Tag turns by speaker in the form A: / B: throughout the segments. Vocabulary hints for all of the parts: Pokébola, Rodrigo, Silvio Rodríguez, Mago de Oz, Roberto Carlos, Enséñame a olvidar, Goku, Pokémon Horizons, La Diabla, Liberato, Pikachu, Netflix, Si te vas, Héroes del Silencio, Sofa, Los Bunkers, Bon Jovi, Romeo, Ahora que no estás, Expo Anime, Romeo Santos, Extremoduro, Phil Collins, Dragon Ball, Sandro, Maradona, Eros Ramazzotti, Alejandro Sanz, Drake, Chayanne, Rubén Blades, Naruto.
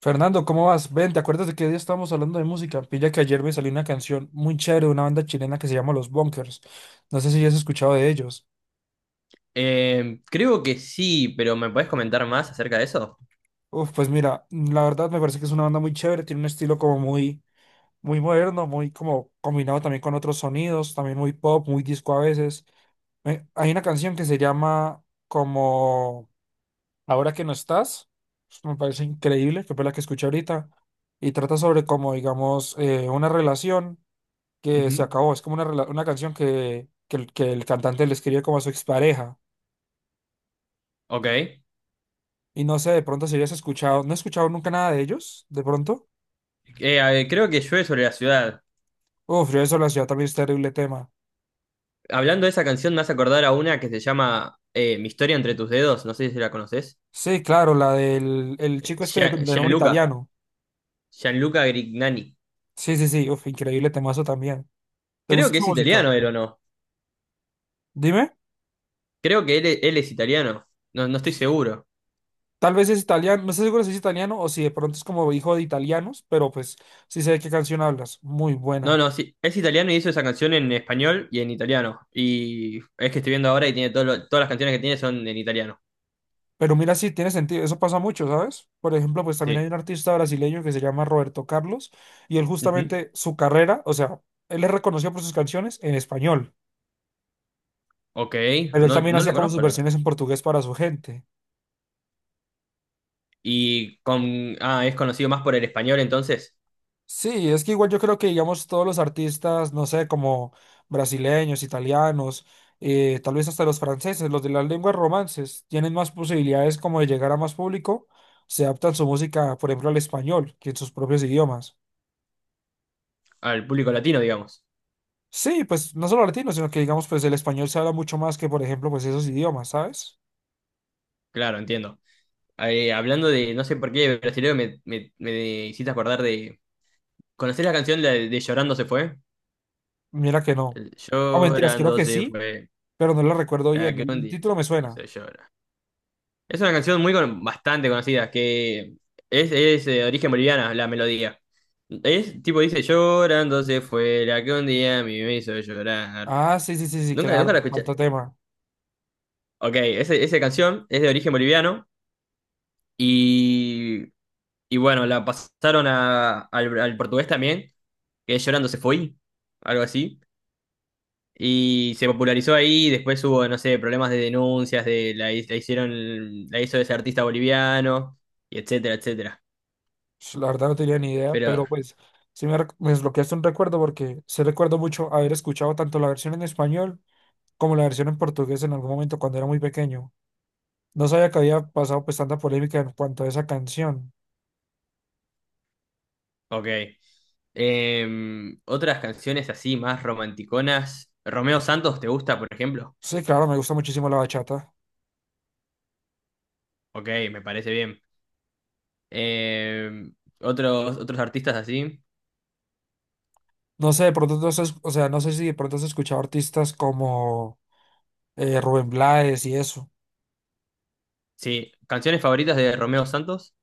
A: Fernando, ¿cómo vas? Ven, ¿te acuerdas de que hoy estábamos hablando de música? Pilla que ayer me salió una canción muy chévere de una banda chilena que se llama Los Bunkers. No sé si ya has escuchado de ellos.
B: Creo que sí, pero ¿me puedes comentar más acerca de eso?
A: Pues mira, la verdad me parece que es una banda muy chévere, tiene un estilo como muy moderno, muy como combinado también con otros sonidos, también muy pop, muy disco a veces. Hay una canción que se llama como Ahora que no estás, me parece increíble, que fue la que escuché ahorita, y trata sobre como, digamos, una relación que se
B: Ujú.
A: acabó. Es como una canción que el cantante le escribe como a su expareja.
B: Ok.
A: Y no sé, de pronto si hayas escuchado, no he escuchado nunca nada de ellos, de pronto.
B: A ver, creo que llueve sobre la ciudad.
A: Yo eso la ciudad también es terrible tema.
B: Hablando de esa canción, me hace acordar a una que se llama Mi historia entre tus dedos. No sé si la conoces.
A: Sí, claro, la del el chico este de, de nombre
B: Gianluca.
A: italiano.
B: Gianluca Grignani.
A: Sí, sí, sí, increíble temazo también. ¿Te
B: Creo
A: gusta
B: que
A: esa
B: es
A: música?
B: italiano él o no.
A: Dime.
B: Creo que él es italiano. No, no estoy seguro.
A: Tal vez es italiano, no estoy seguro si es italiano o si de pronto es como hijo de italianos, pero pues sí sé de qué canción hablas. Muy
B: No,
A: buena.
B: no, sí. Es italiano y hizo esa canción en español y en italiano. Y es que estoy viendo ahora y tiene todas las canciones que tiene son en italiano.
A: Pero mira, sí, tiene sentido, eso pasa mucho, ¿sabes? Por ejemplo, pues también hay
B: Sí.
A: un artista brasileño que se llama Roberto Carlos y él
B: Ujú.
A: justamente su carrera, o sea, él es reconocido por sus canciones en español,
B: Ok,
A: pero él
B: no,
A: también
B: no lo
A: hacía como sus
B: conozco.
A: versiones en portugués para su gente.
B: Y con, ah, es conocido más por el español entonces,
A: Sí, es que igual yo creo que, digamos, todos los artistas, no sé, como brasileños, italianos, tal vez hasta los franceses, los de las lenguas romances, tienen más posibilidades como de llegar a más público, se adaptan su música, por ejemplo, al español, que en sus propios idiomas.
B: al público latino, digamos.
A: Sí, pues no solo latino, sino que digamos, pues el español se habla mucho más que, por ejemplo, pues esos idiomas, ¿sabes?
B: Claro, entiendo. Hablando de, no sé por qué, brasileño, me hiciste acordar de... ¿Conocés la canción de Llorando se fue?
A: Mira que no.
B: El
A: O mentiras, creo
B: Llorando
A: que
B: se
A: sí,
B: fue,
A: pero no lo recuerdo
B: la
A: bien.
B: que un
A: El
B: día
A: título me suena.
B: hizo llorar. Es una canción bastante conocida, que es de origen boliviana, la melodía. Es tipo, dice, Llorando se fue, la que un día a mí me hizo llorar.
A: Ah, sí, sí, sí, sí,
B: Nunca, nunca
A: claro,
B: la escuché.
A: falta tema.
B: Ok, esa canción es de origen boliviano y, y bueno, la pasaron al portugués también, que es Llorando se fue, algo así, y se popularizó ahí, después hubo, no sé, problemas de denuncias, de la, la hizo ese artista boliviano, y etcétera, etcétera.
A: Pues, la verdad no tenía ni idea,
B: Pero,
A: pero pues me desbloqueaste un recuerdo porque sí recuerdo mucho haber escuchado tanto la versión en español como la versión en portugués en algún momento cuando era muy pequeño. No sabía que había pasado pues tanta polémica en cuanto a esa canción.
B: ok. Em, otras canciones así más romanticonas. Romeo Santos, ¿te gusta, por ejemplo?
A: Sí, claro, me gusta muchísimo la bachata.
B: Ok, me parece bien. Em, otros artistas así.
A: No sé, de pronto o sea, no sé si de pronto has escuchado artistas como Rubén Blades y eso.
B: Sí, canciones favoritas de Romeo Santos.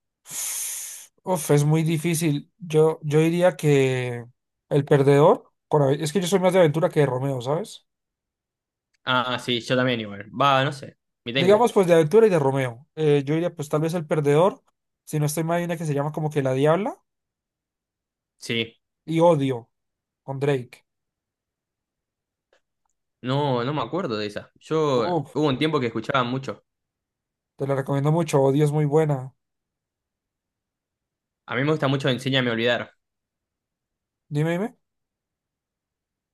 A: Es muy difícil. Yo diría que el perdedor, con es que yo soy más de Aventura que de Romeo, ¿sabes?
B: Ah, sí, yo también igual. Va, no sé, mitad y mitad.
A: Digamos pues de Aventura y de Romeo. Yo diría pues tal vez el perdedor, si no estoy mal, hay una que se llama como que La Diabla
B: Sí,
A: y Odio con Drake.
B: no, no me acuerdo de esa. Yo
A: Uf,
B: hubo un tiempo que escuchaba mucho.
A: te la recomiendo mucho, Odio es muy buena.
B: A mí me gusta mucho Enséñame a olvidar.
A: Dime, dime.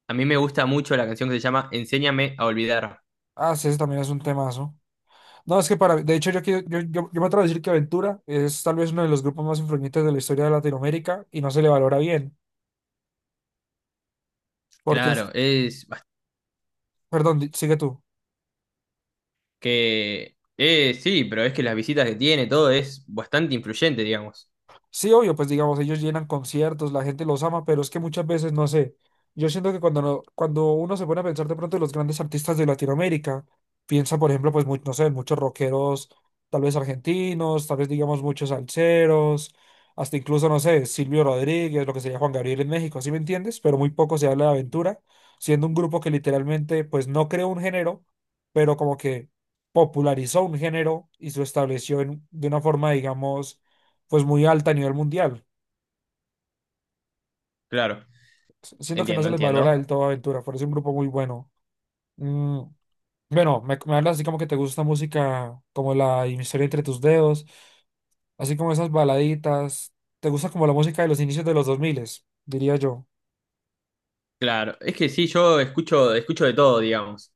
B: A mí me gusta mucho la canción que se llama Enséñame a olvidar.
A: Ah, sí, ese también es un temazo. No, es que para, de hecho, yo, quiero- yo me atrevo a decir que Aventura es tal vez uno de los grupos más influyentes de la historia de Latinoamérica y no se le valora bien, porque
B: Claro,
A: es,
B: es bast-
A: perdón, sigue tú.
B: que sí, pero es que las visitas que tiene, todo es bastante influyente, digamos.
A: Sí, obvio, pues digamos, ellos llenan conciertos, la gente los ama, pero es que muchas veces, no sé, yo siento que cuando, no- cuando uno se pone a pensar de pronto en los grandes artistas de Latinoamérica, piensa, por ejemplo, pues, no sé, muchos rockeros, tal vez argentinos, tal vez, digamos, muchos salseros, hasta incluso, no sé, Silvio Rodríguez, lo que sería Juan Gabriel en México, ¿sí me entiendes? Pero muy poco se habla de Aventura, siendo un grupo que literalmente, pues, no creó un género, pero como que popularizó un género y se estableció de una forma, digamos, pues muy alta a nivel mundial.
B: Claro,
A: Siento que no
B: entiendo,
A: se les valora del
B: entiendo.
A: todo Aventura, por es un grupo muy bueno. Mm, bueno, me hablas así como que te gusta música como la historia entre tus dedos, así como esas baladitas. Te gusta como la música de los inicios de los 2000, diría yo.
B: Claro, es que sí, yo escucho, escucho de todo, digamos.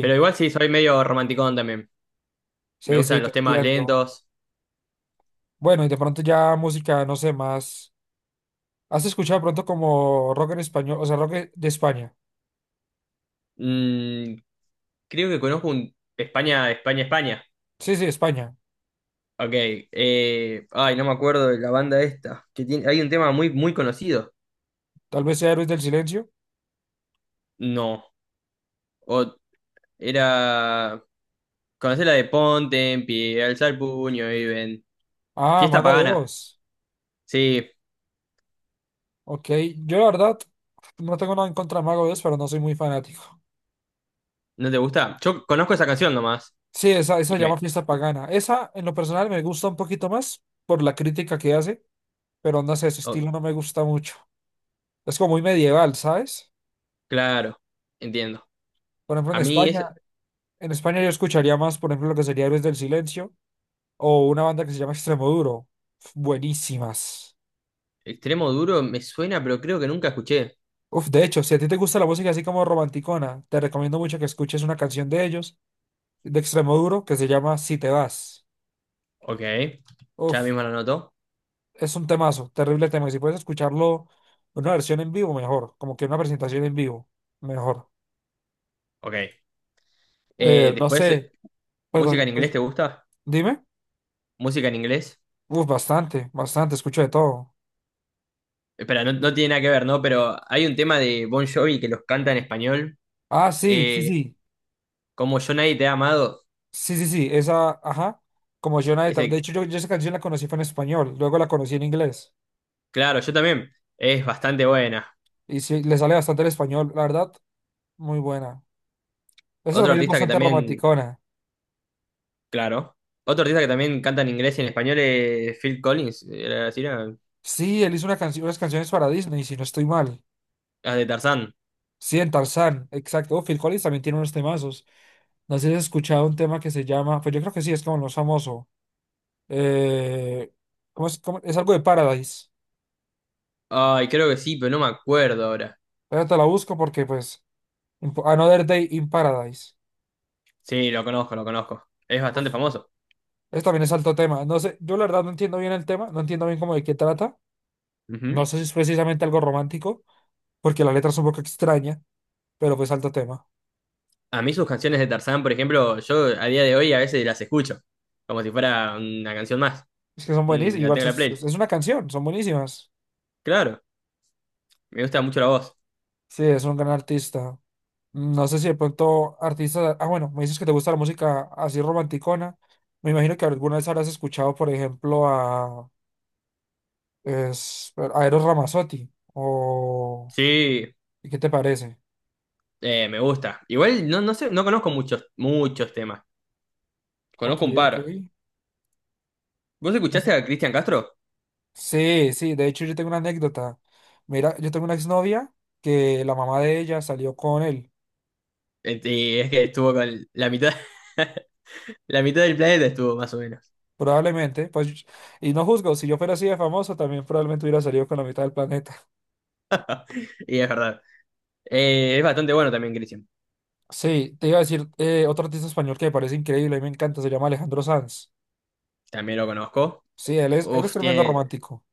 B: Pero igual sí, soy medio romanticón también. Me
A: sí, sí,
B: gustan
A: te
B: los temas
A: entiendo.
B: lentos.
A: Bueno, y de pronto ya música, no sé, más. ¿Has escuchado de pronto como rock en español, o sea, rock de España?
B: Mm, creo que conozco un España, España, España.
A: Sí, sí, España.
B: Ok. Ay, no me acuerdo de la banda esta. Que tiene, hay un tema muy, muy conocido.
A: Tal vez sea Héroes del Silencio.
B: No. O, era. Conocer la de Ponte en pie, alzar el puño y ven.
A: Ah,
B: Fiesta
A: Mago de
B: pagana.
A: Oz.
B: Sí,
A: Ok, yo la verdad no tengo nada en contra de Mago de Oz, pero no soy muy fanático.
B: ¿no te gusta? Yo conozco esa canción nomás.
A: Sí, esa se
B: Y
A: llama
B: me.
A: Fiesta Pagana. Esa, en lo personal, me gusta un poquito más por la crítica que hace, pero no sé, su
B: Oh,
A: estilo no me gusta mucho. Es como muy medieval, ¿sabes?
B: claro, entiendo.
A: Por ejemplo,
B: A mí es
A: En España yo escucharía más, por ejemplo, lo que sería Héroes del Silencio o una banda que se llama Extremoduro. Buenísimas.
B: extremo duro, me suena, pero creo que nunca escuché.
A: De hecho, si a ti te gusta la música así como romanticona, te recomiendo mucho que escuches una canción de ellos, de Extremoduro, que se llama Si te vas.
B: Ok. Ya
A: Uf.
B: mismo lo noto.
A: Es un temazo, terrible tema. Y si puedes escucharlo en una versión en vivo, mejor. Como que una presentación en vivo, mejor.
B: Ok.
A: No
B: Después
A: sé,
B: ¿música en
A: perdón,
B: inglés
A: pues
B: te gusta?
A: dime.
B: ¿Música en inglés?
A: Bastante, bastante, escucho de todo.
B: Espera, no, no tiene nada que ver, ¿no? Pero hay un tema de Bon Jovi que los canta en español.
A: Ah, sí, sí,
B: eh,
A: sí.
B: como Yo Nadie Te ha Amado.
A: Sí, sí, sí, esa, ajá. Como Jonah De Tab- De
B: Ese,
A: hecho, yo esa canción la conocí fue en español, luego la conocí en inglés.
B: claro, yo también. Es bastante buena.
A: Y sí, le sale bastante el español, la verdad, muy buena. Esa
B: Otro
A: también es
B: artista que
A: bastante
B: también,
A: romanticona.
B: claro. Otro artista que también canta en inglés y en español es Phil Collins. Era así, era-
A: Sí, él hizo una canción, unas canciones para Disney, si no estoy mal.
B: las de Tarzán.
A: Sí, en Tarzán, exacto. Oh, Phil Collins también tiene unos temazos. No sé si has escuchado un tema que se llama, pues yo creo que sí, es como lo más famoso. Eh, ¿Cómo es, es algo de Paradise.
B: Ay, creo que sí, pero no me acuerdo ahora.
A: Ahora te la busco porque, pues, Another Day in Paradise.
B: Sí, lo conozco, lo conozco. Es
A: Uf,
B: bastante famoso.
A: Eso también es alto tema. No sé, yo la verdad no entiendo bien el tema, no entiendo bien cómo de qué trata.
B: Ujú.
A: No sé si es precisamente algo romántico, porque la letra es un poco extraña, pero pues alto tema.
B: A mí sus canciones de Tarzán, por ejemplo, yo a día de hoy a veces las escucho, como si fuera una canción más.
A: Es que son
B: Mm,
A: buenísimas,
B: la tengo
A: igual
B: en la play.
A: es una canción, son buenísimas.
B: Claro, me gusta mucho la voz.
A: Sí, es un gran artista. No sé si de pronto artistas. Ah, bueno, me dices que te gusta la música así romanticona. Me imagino que alguna vez habrás escuchado, por ejemplo, a Eros Ramazzotti. O,
B: Sí,
A: ¿qué te parece?
B: me gusta. Igual no, no sé, no conozco muchos, muchos temas.
A: Ok,
B: Conozco un
A: ok.
B: par. ¿Vos
A: No sé.
B: escuchaste a Cristian Castro?
A: Sí, sí, de hecho yo tengo una anécdota. Mira, yo tengo una exnovia que la mamá de ella salió con él.
B: Y es que estuvo con la mitad, la mitad del planeta estuvo más o menos.
A: Probablemente, pues, y no juzgo, si yo fuera así de famoso, también probablemente hubiera salido con la mitad del planeta.
B: Y es verdad. Es bastante bueno también Cristian.
A: Sí, te iba a decir otro artista español que me parece increíble y me encanta, se llama Alejandro Sanz.
B: También lo conozco.
A: Sí, él es
B: Uf,
A: tremendo
B: tiene,
A: romántico.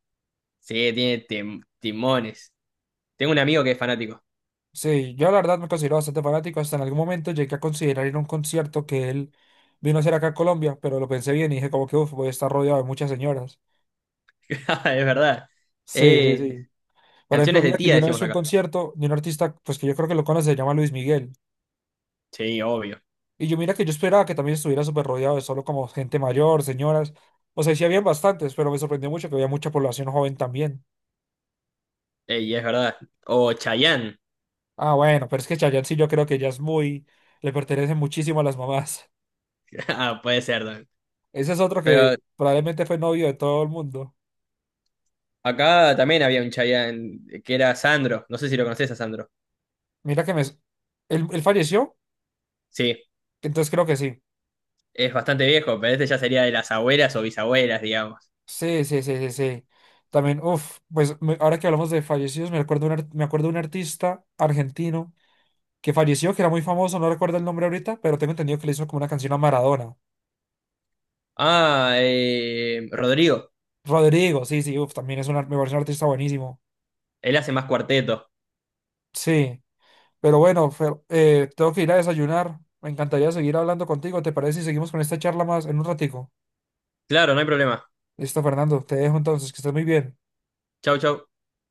B: sí, timones. Tengo un amigo que es fanático.
A: Sí, yo la verdad me considero bastante fanático, hasta en algún momento llegué a considerar ir a un concierto que él vino a hacer acá a Colombia, pero lo pensé bien y dije como que uf, voy a estar rodeado de muchas señoras.
B: Es verdad.
A: Sí, sí,
B: Eh,
A: sí. Por ejemplo,
B: canciones de
A: mira que
B: tía
A: yo una vez
B: decimos
A: fui a un
B: acá.
A: concierto de un artista, pues que yo creo que lo conoce, se llama Luis Miguel.
B: Sí, obvio.
A: Y yo mira que yo esperaba que también estuviera súper rodeado de solo como gente mayor, señoras. O sea, sí habían bastantes, pero me sorprendió mucho que había mucha población joven también.
B: Ey, es verdad. O Chayanne.
A: Ah, bueno, pero es que Chayanne sí yo creo que ya es muy, le pertenece muchísimo a las mamás.
B: Ah, puede ser también.
A: Ese es otro que
B: Pero
A: probablemente fue novio de todo el mundo.
B: acá también había un Chayanne que era Sandro. No sé si lo conoces a Sandro.
A: Mira que me... s- ¿Él, él falleció?
B: Sí,
A: Entonces creo que sí.
B: es bastante viejo, pero este ya sería de las abuelas o bisabuelas, digamos.
A: Sí, sí, sí, sí, sí. También, pues ahora que hablamos de fallecidos, me acuerdo me acuerdo de un artista argentino que falleció, que era muy famoso, no recuerdo el nombre ahorita, pero tengo entendido que le hizo como una canción a Maradona.
B: Ah, Rodrigo.
A: Rodrigo, sí, sí, también es me parece un artista buenísimo.
B: Él hace más cuarteto.
A: Sí. Pero bueno, Fer, tengo que ir a desayunar. Me encantaría seguir hablando contigo. ¿Te parece si seguimos con esta charla más en un ratico?
B: Claro, no hay problema.
A: Listo, Fernando, te dejo entonces, que estés muy bien.
B: Chau, chau.